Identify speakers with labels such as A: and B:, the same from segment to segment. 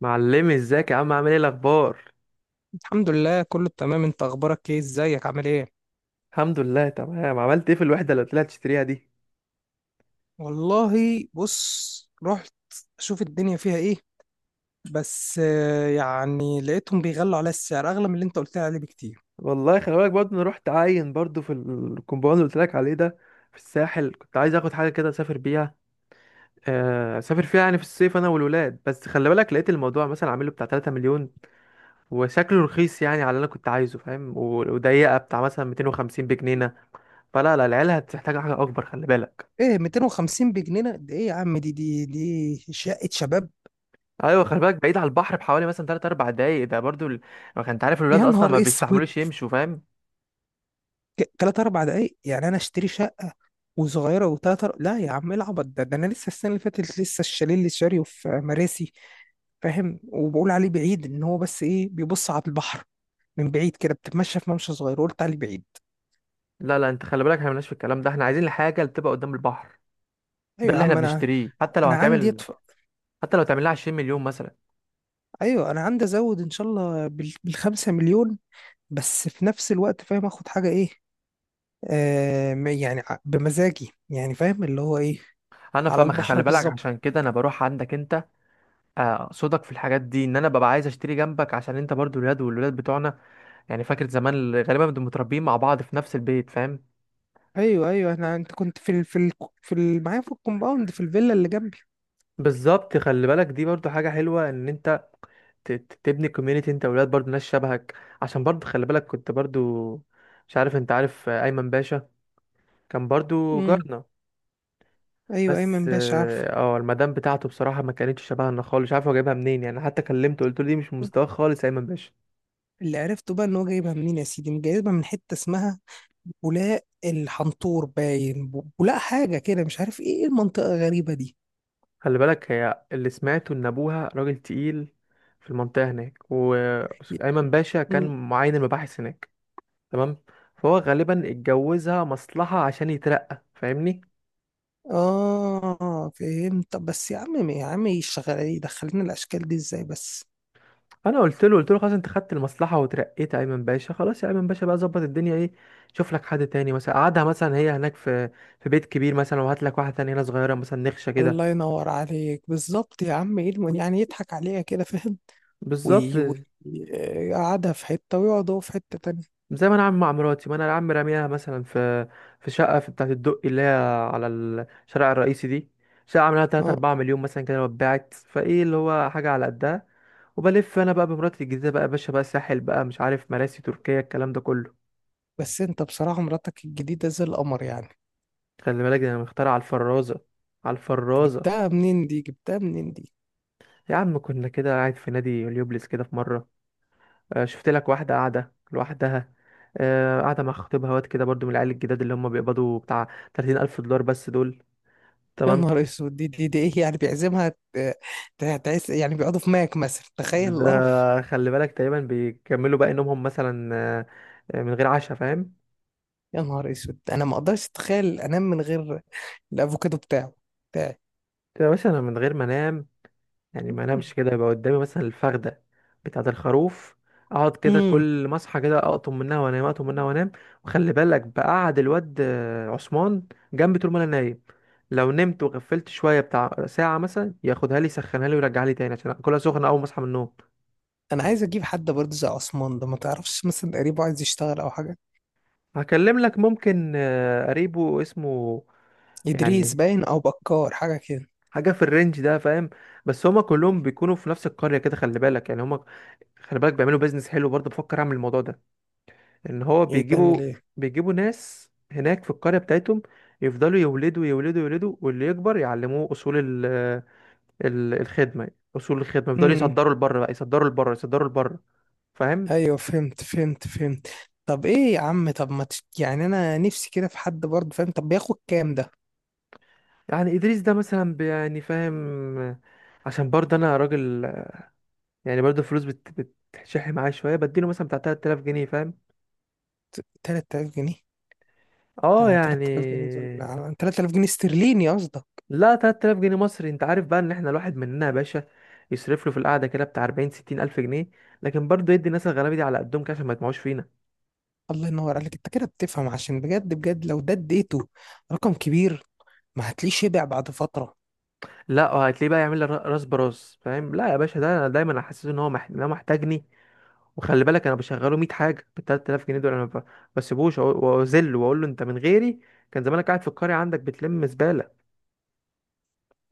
A: معلمي ازيك يا عم؟ عامل ايه الاخبار؟
B: الحمد لله كله تمام. انت اخبارك ايه؟ ازيك؟ عامل ايه؟
A: الحمد لله تمام. عملت ايه في الوحده اللي طلعت تشتريها دي؟
B: والله بص، رحت اشوف الدنيا فيها ايه. بس يعني لقيتهم بيغلوا على السعر اغلى من اللي انت قلت لي عليه بكتير.
A: والله خلي بالك، برضه انا رحت عاين برضه في الكومباوند اللي قلت لك عليه ده، في الساحل. كنت عايز اخد حاجه كده اسافر بيها، اسافر فيها يعني في الصيف انا والولاد. بس خلي بالك لقيت الموضوع مثلا عامله بتاع 3 مليون وشكله رخيص يعني على اللي انا كنت عايزه، فاهم؟ وضيقه بتاع مثلا 250 بجنينه. فلا لا، العيال هتحتاج حاجه اكبر، خلي بالك.
B: ايه 250 بجنيه؟ ده ايه يا عم؟ دي شقة شباب.
A: ايوه خلي بالك، بعيد على البحر بحوالي مثلا 3 4 دقايق. ده برضه ما كنت عارف الولاد
B: يا
A: اصلا
B: نهار
A: ما
B: اسود.
A: بيستحملوش يمشوا، فاهم؟
B: تلات اربع دقايق يعني انا اشتري شقة وصغيرة لا يا عم، ايه العبط ده؟ انا لسه السنة اللي فاتت لسه الشاليه اللي شاريه في مراسي، فاهم؟ وبقول عليه بعيد ان هو بس ايه، بيبص على البحر من بعيد كده، بتتمشى في ممشى صغير وقلت عليه بعيد.
A: لا لا، انت خلي بالك، احنا مالناش في الكلام ده. احنا عايزين الحاجه اللي تبقى قدام البحر، ده
B: ايوه يا
A: اللي احنا
B: عم، انا
A: بنشتريه. حتى لو
B: انا عندي
A: هتعمل،
B: يدفع.
A: حتى لو تعمل لها 20 مليون مثلا.
B: ايوه انا عندي ازود ان شاء الله بالخمسة مليون، بس في نفس الوقت فاهم اخد حاجه ايه؟ يعني بمزاجي يعني، فاهم اللي هو ايه،
A: انا
B: على
A: فاهمك،
B: البحر
A: خلي بالك
B: بالظبط.
A: عشان كده انا بروح عندك انت، صدق في الحاجات دي، ان انا ببقى عايز اشتري جنبك عشان انت برضو الولاد والولاد بتوعنا، يعني فاكر زمان اللي غالبا بنبقى متربيين مع بعض في نفس البيت، فاهم؟
B: ايوه ايوه. انا انت كنت معايا في الكومباوند في الفيلا اللي جنبي.
A: بالظبط. خلي بالك دي برضو حاجة حلوة، ان انت تبني كوميونيتي انت وولاد برضو ناس شبهك. عشان برضو خلي بالك، كنت برضو مش عارف انت عارف ايمن باشا؟ كان برضو
B: امم
A: جارنا.
B: ايوه
A: بس
B: ايمن باشا عارفه.
A: المدام بتاعته بصراحة ما كانتش شبهنا خالص. مش عارف هو جايبها منين يعني. حتى كلمته قلت له دي مش من مستواك خالص يا ايمن باشا.
B: اللي عرفته بقى ان هو جايبها منين يا سيدي؟ جايبها من حته اسمها بولاق الحنطور، باين بولاق حاجة كده، مش عارف ايه، إيه المنطقة الغريبة دي؟
A: خلي بالك، هي اللي سمعته ان ابوها راجل تقيل في المنطقة هناك، وايمن باشا
B: م-
A: كان معين المباحث هناك، تمام؟ فهو غالبا اتجوزها مصلحة عشان يترقى، فاهمني؟
B: اه فهمت. طب بس يا عم، يشغل يدخلنا الأشكال دي ازاي بس؟
A: انا قلت له، قلت له خلاص انت خدت المصلحة وترقيت يا ايمن باشا، خلاص يا ايمن باشا، بقى ظبط الدنيا، ايه؟ شوف لك حد تاني مثلا، قعدها مثلا هي هناك في في بيت كبير مثلا، وهات لك واحدة تانية هنا صغيرة مثلا، نخشة
B: الله
A: كده.
B: ينور عليك بالظبط يا عم. ايه يعني يضحك عليها كده فاهم،
A: بالظبط،
B: ويقعدها في حتة ويقعد هو في حتة تانية.
A: زي ما انا عامل مع مراتي. ما انا العم راميها مثلا في في شقه في بتاعه الدقي، اللي هي على الشارع الرئيسي دي، شقه عاملاها 3
B: اه،
A: 4 مليون مثلا كده، واتباعت فايه، اللي هو حاجه على قدها. وبلف انا بقى بمراتي الجديده بقى يا باشا بقى ساحل بقى مش عارف مراسي تركيا الكلام ده كله.
B: بس انت بصراحة مراتك الجديدة زي القمر يعني.
A: خلي بالك ده انا مختار على الفرازه، على الفرازه.
B: جبتها منين دي؟ جبتها منين دي؟
A: يا عم كنا كده قاعد في نادي اليوبليس كده في مره، شفت لك واحده قاعده لوحدها، قاعده مع خطيبها، واد كده برضو من العيال الجداد اللي هم بيقبضوا بتاع 30,000 دولار بس دول،
B: يا
A: تمام؟
B: نهار اسود. دي ايه يعني، بيعزمها؟ ت- تعيس يعني؟ بيقعدوا في ماك مثلا؟ تخيل
A: ده
B: القرف.
A: خلي بالك تقريبا بيكملوا باقي نومهم مثلا، من غير عشاء، فاهم؟
B: يا نهار اسود، انا ما اقدرش اتخيل انام من غير الافوكادو بتاعي.
A: كده مثلا انا من غير ما انام، يعني ما انامش كده، يبقى قدامي مثلا الفخده بتاعه الخروف، اقعد كده
B: امم
A: كل ما اصحى كده اقطم منها وانام، اقطم منها وانام. وخلي بالك بقعد الواد عثمان جنبي طول ما انا نايم، لو نمت وغفلت شويه بتاع ساعه مثلا ياخدها لي يسخنها لي ويرجعها لي تاني عشان اكلها سخنه اول ما اصحى من النوم.
B: انا عايز اجيب حد برضه زي عثمان ده. ما تعرفش مثلا قريبه عايز يشتغل او حاجه؟
A: هكلم لك ممكن قريبه اسمه،
B: ادريس
A: يعني
B: باين، او بكار حاجه كده.
A: حاجه في الرينج ده، فاهم؟ بس هما كلهم بيكونوا في نفس القريه كده، خلي بالك يعني هما، خلي بالك بيعملوا بيزنس حلو. برضه بفكر اعمل الموضوع ده، ان هو
B: ايه تعمل
A: بيجيبوا،
B: ايه؟
A: بيجيبوا ناس هناك في القريه بتاعتهم، يفضلوا يولدوا يولدوا يولدوا، واللي يكبر يعلموه اصول ال ال الخدمه، اصول الخدمه، يفضلوا
B: امم
A: يصدروا لبره بقى، يصدروا لبره، يصدروا لبره، فاهم؟
B: ايوه فهمت فهمت فهمت. طب ايه يا عم؟ طب ما تش... يعني انا نفسي كده في حد برضه فاهم، طب بياخد كام ده؟
A: يعني ادريس ده مثلا يعني فاهم، عشان برضه انا راجل يعني برضه فلوس بتشح معايا شويه، بديله مثلا بتاع 3,000 جنيه، فاهم؟
B: 3000 جنيه؟ ده
A: اه يعني.
B: 3000 جنيه دول 3000 جنيه استرليني قصدك؟
A: لا، 3,000 جنيه مصري. انت عارف بقى ان احنا الواحد مننا يا باشا يصرف له في القعده كده بتاع 40 60 الف جنيه، لكن برضه يدي الناس الغلابه دي على قدهم كده عشان ما يطمعوش فينا.
B: الله ينور عليك، انت كده بتفهم. عشان بجد بجد لو ده اديته رقم كبير ما هتلاقيه شبع بعد فتره.
A: لا وهتلاقيه بقى يعمل لي راس براس، فاهم؟ لا يا باشا، ده انا دايما احسسه ان هو إن هو محتاجني. وخلي بالك انا بشغله 100 حاجه بال 3,000 جنيه دول. انا ما بسيبوش واذله واقول له انت من غيري كان زمانك قاعد في القريه عندك بتلم زباله.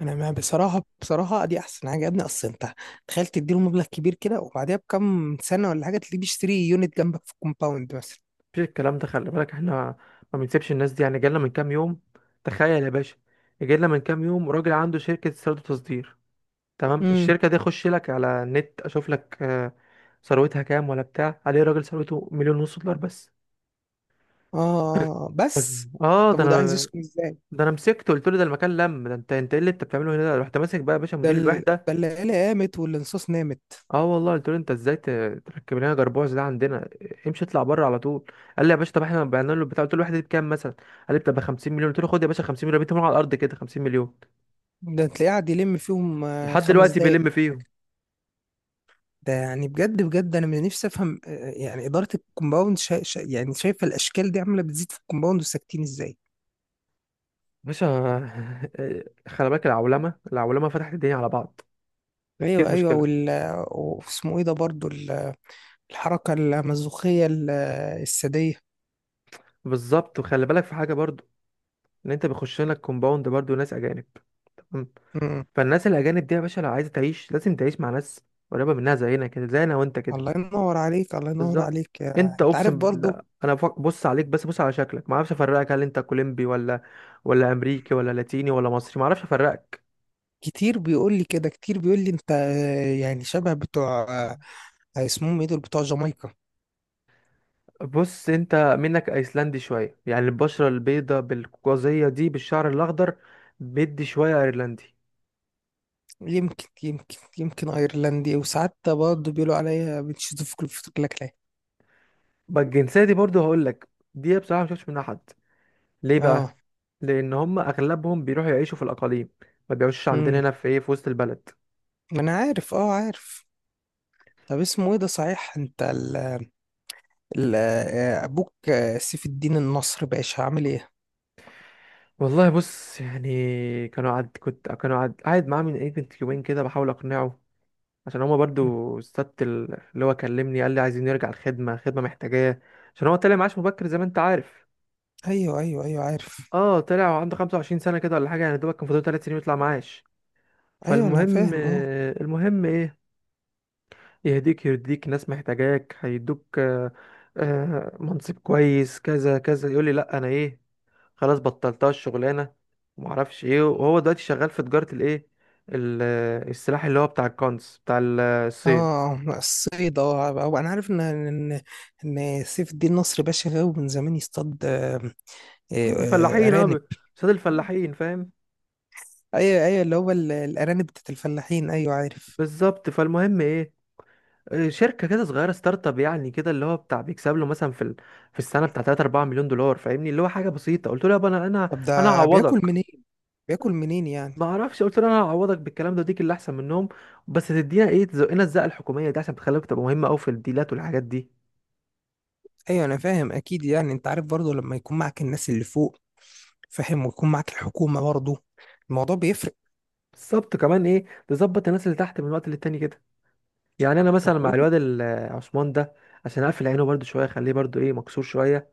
B: انا، ما بصراحه بصراحه دي احسن حاجه يا ابني. اصل انت تخيل تديله مبلغ كبير كده، وبعديها بكم سنه ولا حاجه تلاقيه بيشتري يونت جنبك في كومباوند مثلا.
A: مفيش الكلام ده، خلي بالك، احنا ما بنسيبش الناس دي. يعني جالنا من كام يوم، تخيل يا باشا، جالنا من كام يوم راجل عنده شركه استيراد وتصدير، تمام؟
B: امم
A: الشركة دي اخش لك على النت اشوف لك ثروتها كام ولا بتاع عليه، راجل ثروته مليون ونص دولار بس.
B: اه، بس.
A: اه ده
B: طب وده عايز
A: انا،
B: يسكن ازاي؟
A: ده انا مسكته قلت له ده المكان لم. ده انت انت ايه اللي انت بتعمله هنا ده؟ رحت ماسك بقى يا باشا مدير الوحده.
B: ده العيله قامت والانصاص نامت.
A: اه والله، قلت له انت ازاي تركب لنا جربوع ده عندنا؟ امشي اطلع بره على طول. قال لي يا باشا طب احنا بعنا له البتاع. قلت له الوحده دي بكام مثلا؟ قال لي بتبقى 50 مليون. قلت له خد يا باشا 50 مليون، رميتهم على الارض كده، 50 مليون.
B: ده تلاقيه قاعد يلم فيهم
A: لحد
B: خمس
A: دلوقتي
B: دقايق.
A: بيلم فيهم
B: ده يعني بجد بجد انا من نفسي افهم، يعني اداره الكومباوند شا شا يعني شايفه الاشكال دي عامله بتزيد في الكومباوند وساكتين ازاي؟
A: باشا. خلي بالك، العولمه، العولمه فتحت الدنيا على بعض، ايه
B: ايوه ايوه.
A: المشكله؟
B: وال واسمه ايه ده برضو ال- الحركه المزوخيه، الساديه.
A: بالظبط. وخلي بالك في حاجه برضو، ان انت بيخش لك كومباوند برضو ناس اجانب، تمام؟
B: امم
A: فالناس الاجانب دي يا باشا لو عايزه تعيش لازم تعيش مع ناس قريبه منها زينا كده، زينا وانت كده.
B: الله ينور عليك، الله ينور
A: بالظبط.
B: عليك.
A: انت
B: انت عارف
A: اقسم
B: برضو.
A: بالله انا بص عليك، بس بص على شكلك، ما اعرفش افرقك، هل انت كولومبي ولا، ولا امريكي ولا لاتيني ولا مصري؟ ما اعرفش افرقك.
B: كتير بيقول لي كده، كتير بيقول لي انت يعني شبه بتوع آه، اسمهم ايه دول، بتوع جامايكا.
A: بص انت منك ايسلندي شويه، يعني البشره البيضاء بالقوقازيه دي بالشعر الاخضر، بدي شويه ايرلندي.
B: يمكن يمكن يمكن ايرلندي. وساعات برضه بيقولوا عليا بتشوف في كلاكلاك.
A: بقى الجنسيه دي برضو هقول لك، دي بصراحه ما شفتش منها حد. ليه
B: اه.
A: بقى؟ لان هم اغلبهم بيروحوا يعيشوا في الاقاليم، ما بيعيشوش عندنا
B: امم
A: هنا في ايه، في وسط البلد.
B: ما انا عارف، اه عارف. طب اسمه ايه ده صحيح، انت ال ال ابوك سيف الدين النصر باشا عامل ايه؟
A: والله بص، يعني كانوا قعد قاعد معاه من ايه بنت يومين كده بحاول اقنعه، عشان هما برضو السبت اللي هو كلمني قال لي عايزين نرجع الخدمة، الخدمة محتاجاه، عشان هو طلع معاش مبكر زي ما انت عارف.
B: ايوه ايوه ايوه عارف.
A: اه طلع وعنده 25 سنة كده ولا حاجة، يعني دوبك كان فاضل 3 سنين يطلع معاش.
B: ايوه انا
A: فالمهم،
B: فاهم، اه.
A: المهم ايه، يهديك يرديك، ناس محتاجاك، هيدوك منصب كويس كذا كذا. يقول لي لا، انا ايه، خلاص بطلتها الشغلانه. ومعرفش ايه، وهو دلوقتي شغال في تجاره الايه، السلاح، اللي هو بتاع الكونس بتاع
B: اه
A: الصين.
B: الصيد، اه. أو انا عارف ان سيف الدين نصر باشا غاوي من زمان يصطاد
A: طب الفلاحين اه
B: ارانب.
A: قصاد الفلاحين، فاهم؟
B: ايوه ايوه، اللي هو الارانب بتاعت الفلاحين، ايوه عارف.
A: بالظبط. فالمهم ايه، شركه كده صغيره ستارت اب يعني كده، اللي هو بتاع بيكسب له مثلا في في السنه بتاع 3 4 مليون دولار، فاهمني؟ اللي هو حاجه بسيطه. قلت له يابا
B: طب
A: انا
B: ده بياكل
A: هعوضك.
B: منين؟ بياكل منين يعني؟
A: ما اعرفش، قلت له انا هعوضك بالكلام ده، وديك اللي احسن منهم، بس تدينا ايه، تزقنا الزقه الحكوميه دي عشان تخليك تبقى مهمه قوي في الديلات والحاجات دي.
B: ايوه انا فاهم اكيد، يعني انت عارف برضو لما يكون معك الناس اللي فوق فاهم، ويكون معك الحكومة برضو، الموضوع بيفرق.
A: بالظبط. كمان ايه، تظبط الناس اللي تحت من وقت للتاني كده. يعني انا
B: طب
A: مثلا مع
B: ود...
A: الواد عثمان ده، عشان اقفل عينه برده شويه، اخليه برده ايه، مكسور شويه،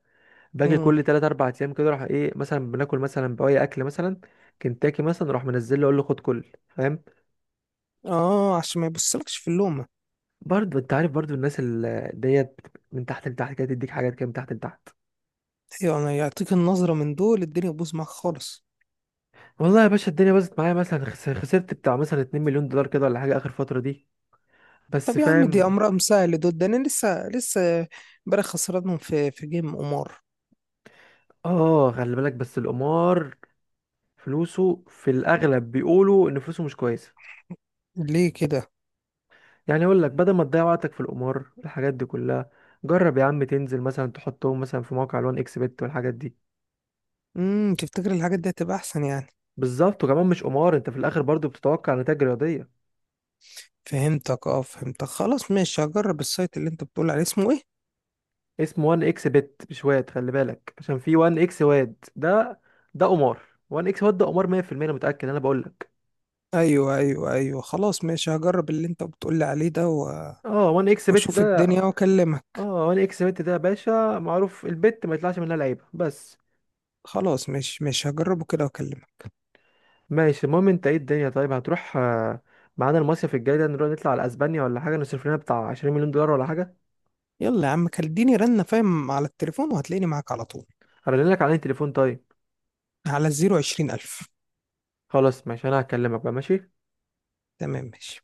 A: باجي
B: مم.
A: كل 3 4 ايام كده، اروح ايه مثلا، بناكل مثلا بواقي اكل مثلا كنتاكي مثلا، اروح منزل له، اقول له خد كل، فاهم؟
B: اه، عشان ما يبصلكش في اللومة.
A: برضه انت عارف برضه الناس ديت من تحت لتحت كده تديك حاجات كده من تحت لتحت.
B: ايوه، انا يعطيك النظرة من دول، الدنيا تبوظ معاك خالص.
A: والله يا باشا الدنيا باظت معايا مثلا، خسرت بتاع مثلا 2 مليون دولار كده ولا حاجة آخر فترة دي بس،
B: طب يا عم دي
A: فاهم؟
B: امرهم سهل دول. ده انا لسه امبارح خسرانهم في جيم قمار.
A: اه خلي بالك، بس القمار فلوسه في الأغلب، بيقولوا إن فلوسه مش كويسة.
B: ليه كده؟
A: يعني أقول لك، بدل ما تضيع وقتك في القمار الحاجات دي كلها، جرب يا عم تنزل مثلا تحطهم مثلا في موقع الوان اكس بت والحاجات دي.
B: تفتكر الحاجات دي هتبقى احسن يعني؟
A: بالظبط، وكمان مش قمار، انت في الاخر برضو بتتوقع نتائج رياضيه.
B: فهمتك اه، فهمتك. خلاص ماشي هجرب السايت اللي انت بتقول عليه، اسمه ايه؟
A: اسمه وان اكس بت، مش واد، خلي بالك عشان في وان اكس واد ده، ده قمار. وان اكس واد ده قمار 100%، انا متاكد انا بقول.
B: ايوه ايوه ايوه، خلاص ماشي هجرب اللي انت بتقولي عليه ده
A: اه 1 اكس بت
B: واشوف
A: ده،
B: الدنيا واكلمك.
A: اه 1 اكس بت ده يا باشا معروف، البت ما يطلعش منها لعيبه بس.
B: خلاص ماشي ماشي، هجربه كده واكلمك.
A: ماشي. المهم انت ايه الدنيا، طيب هتروح معانا المصيف الجاي ده، نروح نطلع على اسبانيا ولا حاجه، نصرف لنا بتاع 20 مليون دولار ولا حاجه؟
B: يلا يا عم كلمني رنة فاهم على التليفون وهتلاقيني معاك على طول،
A: هرن لك على التليفون، طيب؟
B: على الزيرو عشرين الف.
A: خلاص ماشي، انا هكلمك بقى. ماشي.
B: تمام ماشي.